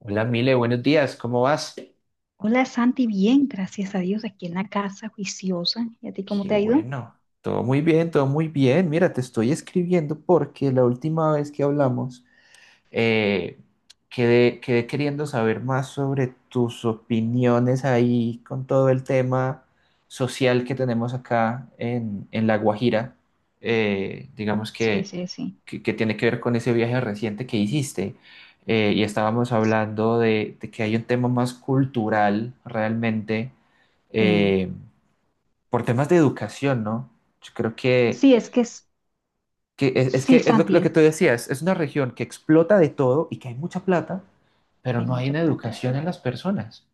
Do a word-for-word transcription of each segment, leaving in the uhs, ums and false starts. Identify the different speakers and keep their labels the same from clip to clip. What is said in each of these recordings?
Speaker 1: Hola, Mile, buenos días, ¿cómo vas?
Speaker 2: Hola Santi, bien, gracias a Dios, aquí en la casa, juiciosa. ¿Y a ti cómo
Speaker 1: Qué
Speaker 2: te ha ido?
Speaker 1: bueno, todo muy bien, todo muy bien. Mira, te estoy escribiendo porque la última vez que hablamos eh, quedé, quedé queriendo saber más sobre tus opiniones ahí con todo el tema social que tenemos acá en, en La Guajira. Eh, digamos
Speaker 2: Sí,
Speaker 1: que
Speaker 2: sí, sí.
Speaker 1: que, que tiene que ver con ese viaje reciente que hiciste. Eh, y estábamos hablando de, de que hay un tema más cultural realmente,
Speaker 2: Sí,
Speaker 1: eh, por temas de educación, ¿no? Yo creo que,
Speaker 2: sí, es que es,
Speaker 1: que es, es
Speaker 2: sí,
Speaker 1: que es lo,
Speaker 2: Santi,
Speaker 1: lo que
Speaker 2: es,
Speaker 1: tú decías, es una región que explota de todo y que hay mucha plata, pero
Speaker 2: hay
Speaker 1: no hay
Speaker 2: mucha
Speaker 1: una
Speaker 2: plata.
Speaker 1: educación en las personas.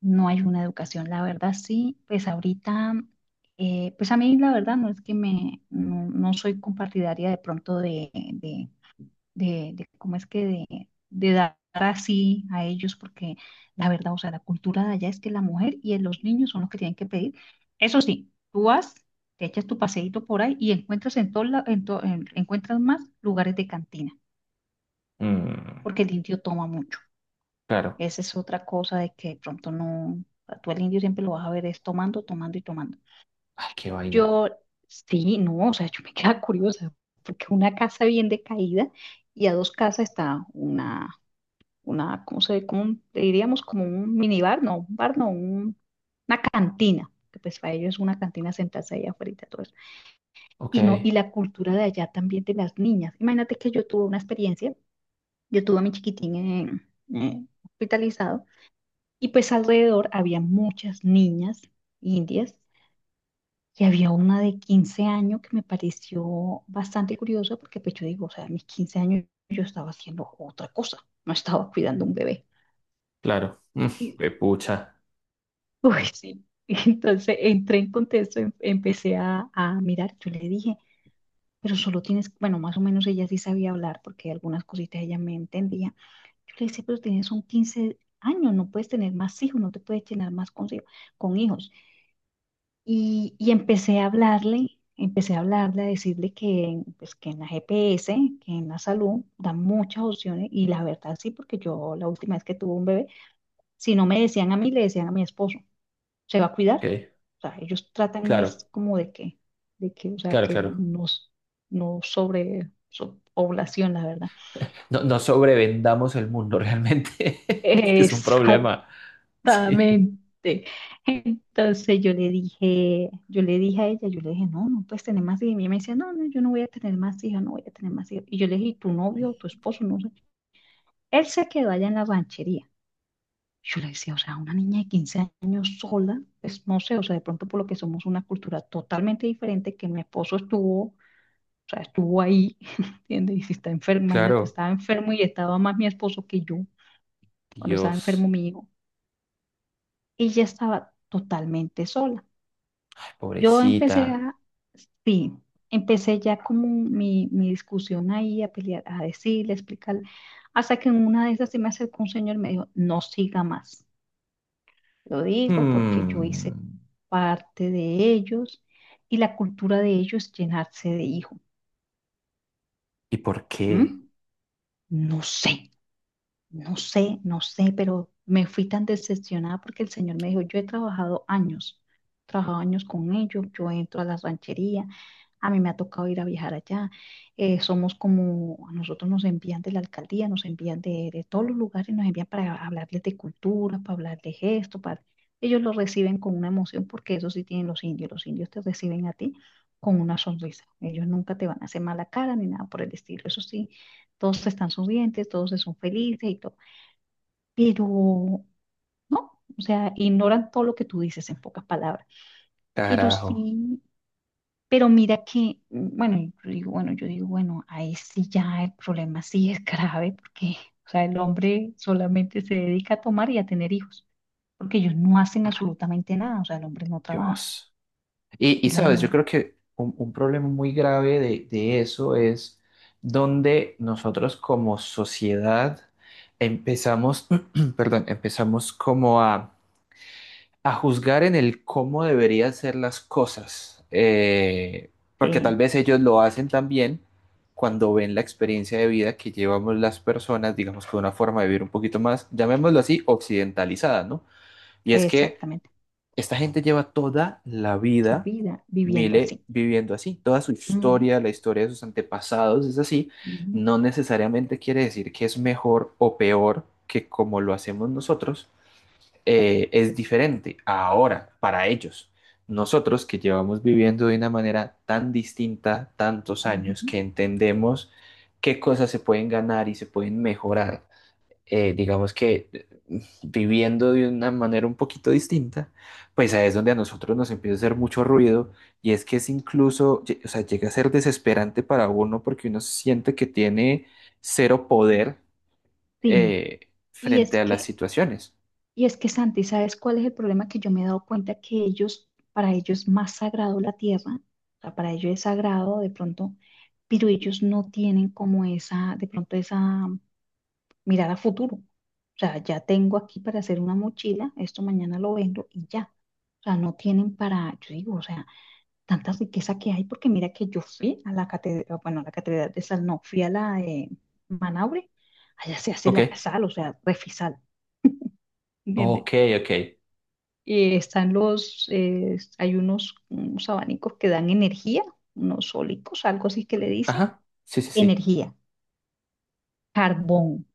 Speaker 2: No hay una educación, la verdad, sí. Pues ahorita, eh, pues a mí la verdad no es que me, no, no soy compartidaria de pronto de, de de, de cómo es que de, de dar así a ellos, porque la verdad, o sea, la cultura de allá es que la mujer y los niños son los que tienen que pedir. Eso sí, tú vas, te echas tu paseíto por ahí y encuentras en todo la- en to- en- encuentras más lugares de cantina,
Speaker 1: Mm,
Speaker 2: porque el indio toma mucho.
Speaker 1: claro.
Speaker 2: Esa es otra cosa de que de pronto no, a tú el indio siempre lo vas a ver es tomando, tomando y tomando.
Speaker 1: Ay, qué vaina.
Speaker 2: Yo, sí, no, o sea, yo me queda curiosa, porque una casa bien decaída y a dos casas está una una, ¿cómo se, cómo un- diríamos? Como un minibar, no, un bar, no, un- una cantina, que pues para ellos es una cantina sentarse ahí afuera, todo eso.
Speaker 1: Ok,
Speaker 2: Y no, y la cultura de allá también de las niñas. Imagínate que yo tuve una experiencia, yo tuve a mi chiquitín en- eh, hospitalizado, y pues alrededor había muchas niñas indias, y había una de quince años que me pareció bastante curiosa, porque pues yo digo, o sea, a mis quince años yo estaba haciendo otra cosa, no estaba cuidando un bebé.
Speaker 1: claro. Mm, qué pucha.
Speaker 2: Uy, sí. Y entonces entré en contexto, em- empecé a, a mirar, yo le dije, pero solo tienes, bueno, más o menos ella sí sabía hablar porque algunas cositas ella me entendía. Yo le decía, pero tienes un quince años, no puedes tener más hijos, no te puedes llenar más con, hijos, con hijos. Y, y empecé a hablarle, empecé a hablarle, a decirle que, pues, que en la G P S, que en la salud, dan muchas opciones y la verdad sí, porque yo la última vez que tuve un bebé, si no me decían a mí, le decían a mi esposo se va a cuidar.
Speaker 1: Ok,
Speaker 2: O sea, ellos tratan es
Speaker 1: claro,
Speaker 2: como de que, de que, o sea,
Speaker 1: claro,
Speaker 2: que
Speaker 1: claro.
Speaker 2: no, s- no sobre so- población, la verdad.
Speaker 1: No, no sobrevendamos el mundo realmente. Es que es un problema. Sí,
Speaker 2: Exactamente. Entonces yo le dije, yo le dije a ella, yo le dije, no, no puedes tener más hijos. Y ella me decía, no, no, yo no voy a tener más hijos, no voy a tener más hijos. Y yo le dije, ¿y tu novio, tu esposo? No sé. Él se quedó allá en la ranchería. Yo le decía, o sea, una niña de quince años sola, pues no sé, o sea, de pronto por lo que somos una cultura totalmente diferente, que mi esposo estuvo. O sea, estuvo ahí, ¿entiendes? Y si está enfermo, imagínate,
Speaker 1: claro.
Speaker 2: estaba enfermo y estaba más mi esposo que yo cuando estaba enfermo
Speaker 1: Dios,
Speaker 2: mi hijo. Ella estaba totalmente sola. Yo empecé
Speaker 1: pobrecita.
Speaker 2: a, sí, empecé ya como mi, mi discusión ahí, a pelear, a decirle, a explicarle, hasta que en una de esas se me acercó un señor y me dijo, no siga más. Lo digo porque yo
Speaker 1: Hmm,
Speaker 2: hice parte de ellos y la cultura de ellos es llenarse de hijos.
Speaker 1: ¿y por qué?
Speaker 2: ¿Mm? No sé. No sé, no sé, pero me fui tan decepcionada porque el Señor me dijo, yo he trabajado años, he trabajado años con ellos, yo entro a la ranchería, a mí me ha tocado ir a viajar allá, eh, somos como, a nosotros nos envían de la alcaldía, nos envían de, de todos los lugares, nos envían para hablarles de cultura, para hablarles esto, para... Ellos lo reciben con una emoción porque eso sí tienen los indios, los indios te reciben a ti con una sonrisa, ellos nunca te van a hacer mala cara ni nada por el estilo, eso sí todos están sonrientes, todos son felices y todo, pero no, o sea, ignoran todo lo que tú dices en pocas palabras. Pero
Speaker 1: Carajo,
Speaker 2: sí, pero mira que, mm, bueno, yo digo, bueno, yo digo, bueno, ahí sí ya el problema sí es grave, porque, o sea, el hombre solamente se dedica a tomar y a tener hijos, porque ellos no hacen absolutamente nada, o sea, el hombre no trabaja,
Speaker 1: Dios. Y, y,
Speaker 2: es la
Speaker 1: sabes, yo
Speaker 2: mujer.
Speaker 1: creo que un, un problema muy grave de, de eso es donde nosotros como sociedad empezamos, perdón, empezamos como a a juzgar en el cómo deberían ser las cosas, eh, porque
Speaker 2: Sí,
Speaker 1: tal vez ellos lo hacen también cuando ven la experiencia de vida que llevamos las personas, digamos que una forma de vivir un poquito más, llamémoslo así, occidentalizada, ¿no? Y es que
Speaker 2: exactamente,
Speaker 1: esta gente lleva toda la
Speaker 2: su
Speaker 1: vida,
Speaker 2: vida viviendo
Speaker 1: Mile,
Speaker 2: así.
Speaker 1: viviendo así, toda su
Speaker 2: Ujú,
Speaker 1: historia, la historia de sus antepasados es así,
Speaker 2: ujú,
Speaker 1: no necesariamente quiere decir que es mejor o peor que como lo hacemos nosotros. Eh, es diferente ahora para ellos. Nosotros que llevamos viviendo de una manera tan distinta tantos años
Speaker 2: ujú.
Speaker 1: que entendemos qué cosas se pueden ganar y se pueden mejorar. Eh, digamos que eh, Viviendo de una manera un poquito distinta, pues ahí es donde a nosotros nos empieza a hacer mucho ruido y es que es incluso, lle- o sea, llega a ser desesperante para uno porque uno siente que tiene cero poder,
Speaker 2: Sí,
Speaker 1: eh,
Speaker 2: y
Speaker 1: frente
Speaker 2: es
Speaker 1: a las
Speaker 2: que
Speaker 1: situaciones.
Speaker 2: Y es que Santi, ¿sabes cuál es el problema? Que yo me he dado cuenta que ellos, para ellos es más sagrado la tierra, o sea, para ellos es sagrado de pronto, pero ellos no tienen como esa, de pronto esa mirada a futuro. O sea, ya tengo aquí para hacer una mochila, esto mañana lo vendo y ya. O sea, no tienen para, yo digo, o sea, tanta riqueza que hay, porque mira que yo fui a la catedral, bueno, a la catedral de Sal, no, fui a la de Manaure, allá se hace la
Speaker 1: Ok.
Speaker 2: sal, o sea, refisal, ¿entiendes?
Speaker 1: Ok, ok.
Speaker 2: Eh, están los, eh, hay unos, unos abanicos que dan energía, unos sólicos, algo así que le dicen,
Speaker 1: Ajá, sí, sí, sí.
Speaker 2: energía, carbón,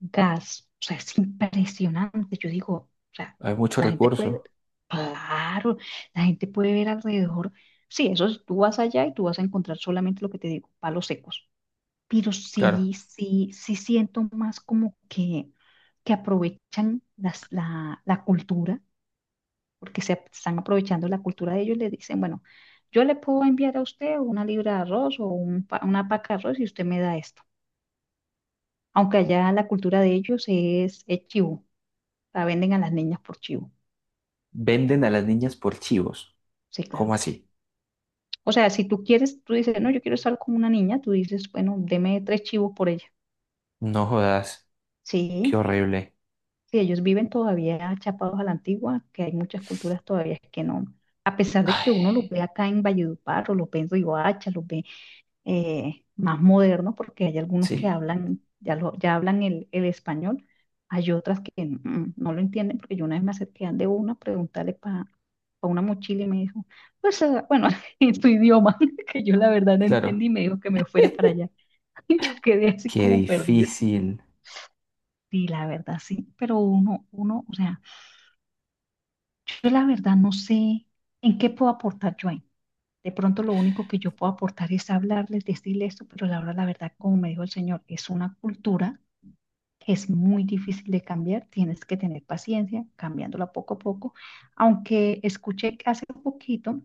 Speaker 2: gas. O sea, es impresionante. Yo digo, o sea,
Speaker 1: Hay muchos
Speaker 2: la gente puede
Speaker 1: recursos,
Speaker 2: ver, claro, la gente puede ver alrededor. Sí, eso es, tú vas allá y tú vas a encontrar solamente lo que te digo, palos secos. Pero
Speaker 1: claro.
Speaker 2: sí, sí, sí siento más como que, que aprovechan las- la la cultura porque se están aprovechando la cultura de ellos, le dicen, bueno, yo le puedo enviar a usted una libra de arroz o un pa- una paca de arroz y usted me da esto. Aunque allá la cultura de ellos es, es chivo, la venden a las niñas por chivo.
Speaker 1: Venden a las niñas por chivos.
Speaker 2: Sí,
Speaker 1: ¿Cómo
Speaker 2: claro.
Speaker 1: así?
Speaker 2: O sea, si tú quieres, tú dices, no, yo quiero estar con una niña, tú dices, bueno, deme tres chivos por ella.
Speaker 1: No jodas, qué
Speaker 2: Sí,
Speaker 1: horrible.
Speaker 2: sí, ellos viven todavía chapados a la antigua, que hay muchas culturas todavía que no. A pesar de
Speaker 1: Ay,
Speaker 2: que uno los ve acá en Valledupar, o los ve en Riohacha, los ve eh, más modernos, porque hay algunos que
Speaker 1: sí,
Speaker 2: hablan, ya, lo, ya hablan el, el español, hay otras que mm, no lo entienden, porque yo una vez me acerqué de una a preguntarle para una mochila y me dijo, pues eh, bueno, en tu idioma, que yo la verdad no
Speaker 1: claro.
Speaker 2: entendí, y me dijo que me fuera para allá. Y yo quedé así
Speaker 1: Qué
Speaker 2: como perdida.
Speaker 1: difícil.
Speaker 2: Sí, la verdad, sí, pero uno, uno, o sea, yo la verdad no sé en qué puedo aportar yo ahí. De pronto lo único que yo puedo aportar es hablarles, decirles esto, pero la verdad, la verdad, como me dijo el Señor, es una cultura que es muy difícil de cambiar, tienes que tener paciencia, cambiándola poco a poco, aunque escuché hace poquito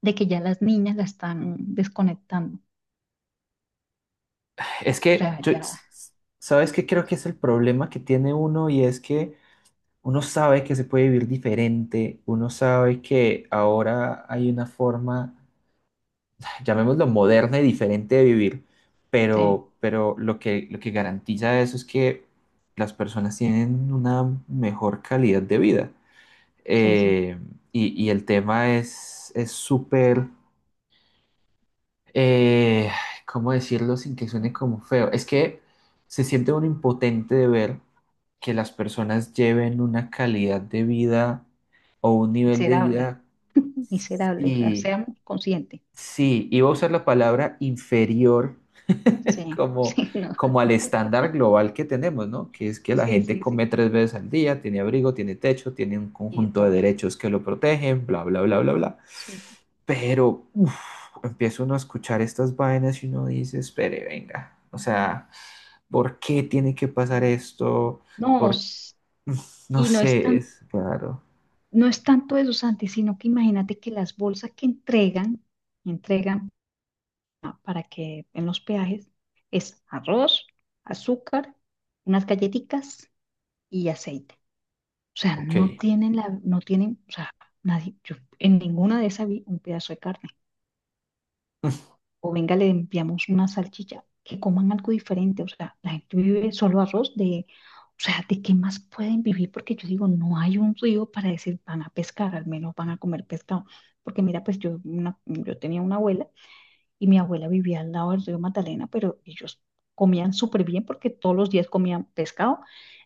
Speaker 2: de que ya las niñas la están desconectando,
Speaker 1: Es
Speaker 2: o
Speaker 1: que
Speaker 2: sea,
Speaker 1: yo,
Speaker 2: ya,
Speaker 1: ¿sabes qué creo que es el problema que tiene uno? Y es que uno sabe que se puede vivir diferente, uno sabe que ahora hay una forma, llamémoslo moderna y diferente de vivir,
Speaker 2: sí,
Speaker 1: pero, pero lo que, lo que garantiza eso es que las personas tienen una mejor calidad de vida.
Speaker 2: sí, sí,
Speaker 1: Eh, y, y el tema es es súper, eh, ¿cómo decirlo sin que suene como feo? Es que se siente uno impotente de ver que las personas lleven una calidad de vida o un nivel de
Speaker 2: miserable,
Speaker 1: vida,
Speaker 2: miserable, o sea,
Speaker 1: sí,
Speaker 2: seamos conscientes,
Speaker 1: sí, iba a usar la palabra inferior,
Speaker 2: sí,
Speaker 1: como,
Speaker 2: sí, no,
Speaker 1: como al estándar global que tenemos, ¿no? Que es que la
Speaker 2: sí,
Speaker 1: gente
Speaker 2: sí,
Speaker 1: come
Speaker 2: sí,
Speaker 1: tres veces al día, tiene abrigo, tiene techo, tiene un
Speaker 2: y de
Speaker 1: conjunto de
Speaker 2: todo,
Speaker 1: derechos que lo protegen, bla, bla, bla, bla, bla.
Speaker 2: sí.
Speaker 1: Pero uf, empieza uno a escuchar estas vainas y uno dice, espere, venga, o sea, ¿por qué tiene que pasar esto?
Speaker 2: No,
Speaker 1: Por,
Speaker 2: s-
Speaker 1: no
Speaker 2: y no es
Speaker 1: sé,
Speaker 2: tan
Speaker 1: es claro.
Speaker 2: No es tanto eso, Santi, sino que imagínate que las bolsas que entregan, entregan pa- para que en los peajes, es arroz, azúcar, unas galletitas y aceite. O sea,
Speaker 1: Ok,
Speaker 2: no tienen la, no tienen, o sea, nadie, yo en ninguna de esas vi un pedazo de carne. O venga, le enviamos una salchicha, que coman algo diferente, o sea, la gente vive solo arroz de, o sea, ¿de qué más pueden vivir? Porque yo digo, no hay un río para decir van a pescar, al menos van a comer pescado, porque mira, pues yo, una- yo tenía una abuela y mi abuela vivía al lado del río Magdalena, pero ellos comían súper bien porque todos los días comían pescado,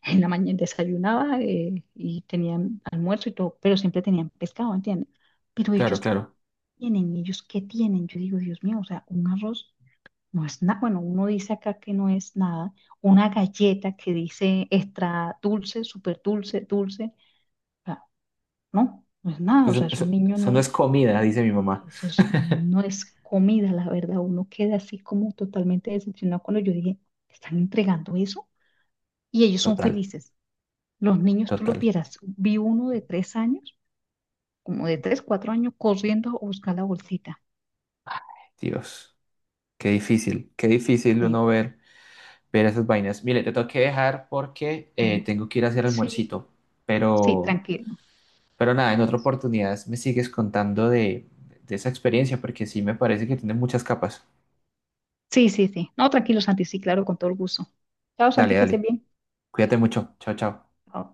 Speaker 2: en la mañana desayunaba eh, y tenían almuerzo y todo, pero siempre tenían pescado, ¿entiendes? Pero
Speaker 1: claro,
Speaker 2: ellos
Speaker 1: claro.
Speaker 2: tienen, ellos qué tienen, yo digo, Dios mío, o sea, un arroz. No es nada, bueno, uno dice acá que no es nada. Una galleta que dice extra dulce, súper dulce, dulce. O sea, no, no es nada. O sea,
Speaker 1: Eso,
Speaker 2: es un
Speaker 1: eso,
Speaker 2: niño,
Speaker 1: eso no
Speaker 2: no.
Speaker 1: es comida, dice mi mamá.
Speaker 2: Eso es- no es comida, la verdad. Uno queda así como totalmente decepcionado cuando yo dije, ¿están entregando eso? Y ellos son
Speaker 1: Total,
Speaker 2: felices. Los niños, tú los
Speaker 1: total.
Speaker 2: vieras. Vi uno de tres años, como de tres, cuatro años, corriendo a buscar la bolsita.
Speaker 1: Dios. Qué difícil, qué difícil
Speaker 2: Sí,
Speaker 1: uno ver, ver esas vainas. Mire, te tengo que dejar porque eh,
Speaker 2: bueno,
Speaker 1: tengo que ir a hacer
Speaker 2: sí,
Speaker 1: almuercito,
Speaker 2: sí,
Speaker 1: pero,
Speaker 2: tranquilo.
Speaker 1: pero nada, en otra oportunidad me sigues contando de, de esa experiencia porque sí me parece que tiene muchas capas.
Speaker 2: Sí, sí, sí. No, tranquilo, Santi, sí, claro, con todo el gusto. Chao,
Speaker 1: Dale,
Speaker 2: Santi, que estés
Speaker 1: dale,
Speaker 2: bien.
Speaker 1: cuídate mucho, chao, chao.
Speaker 2: Ah,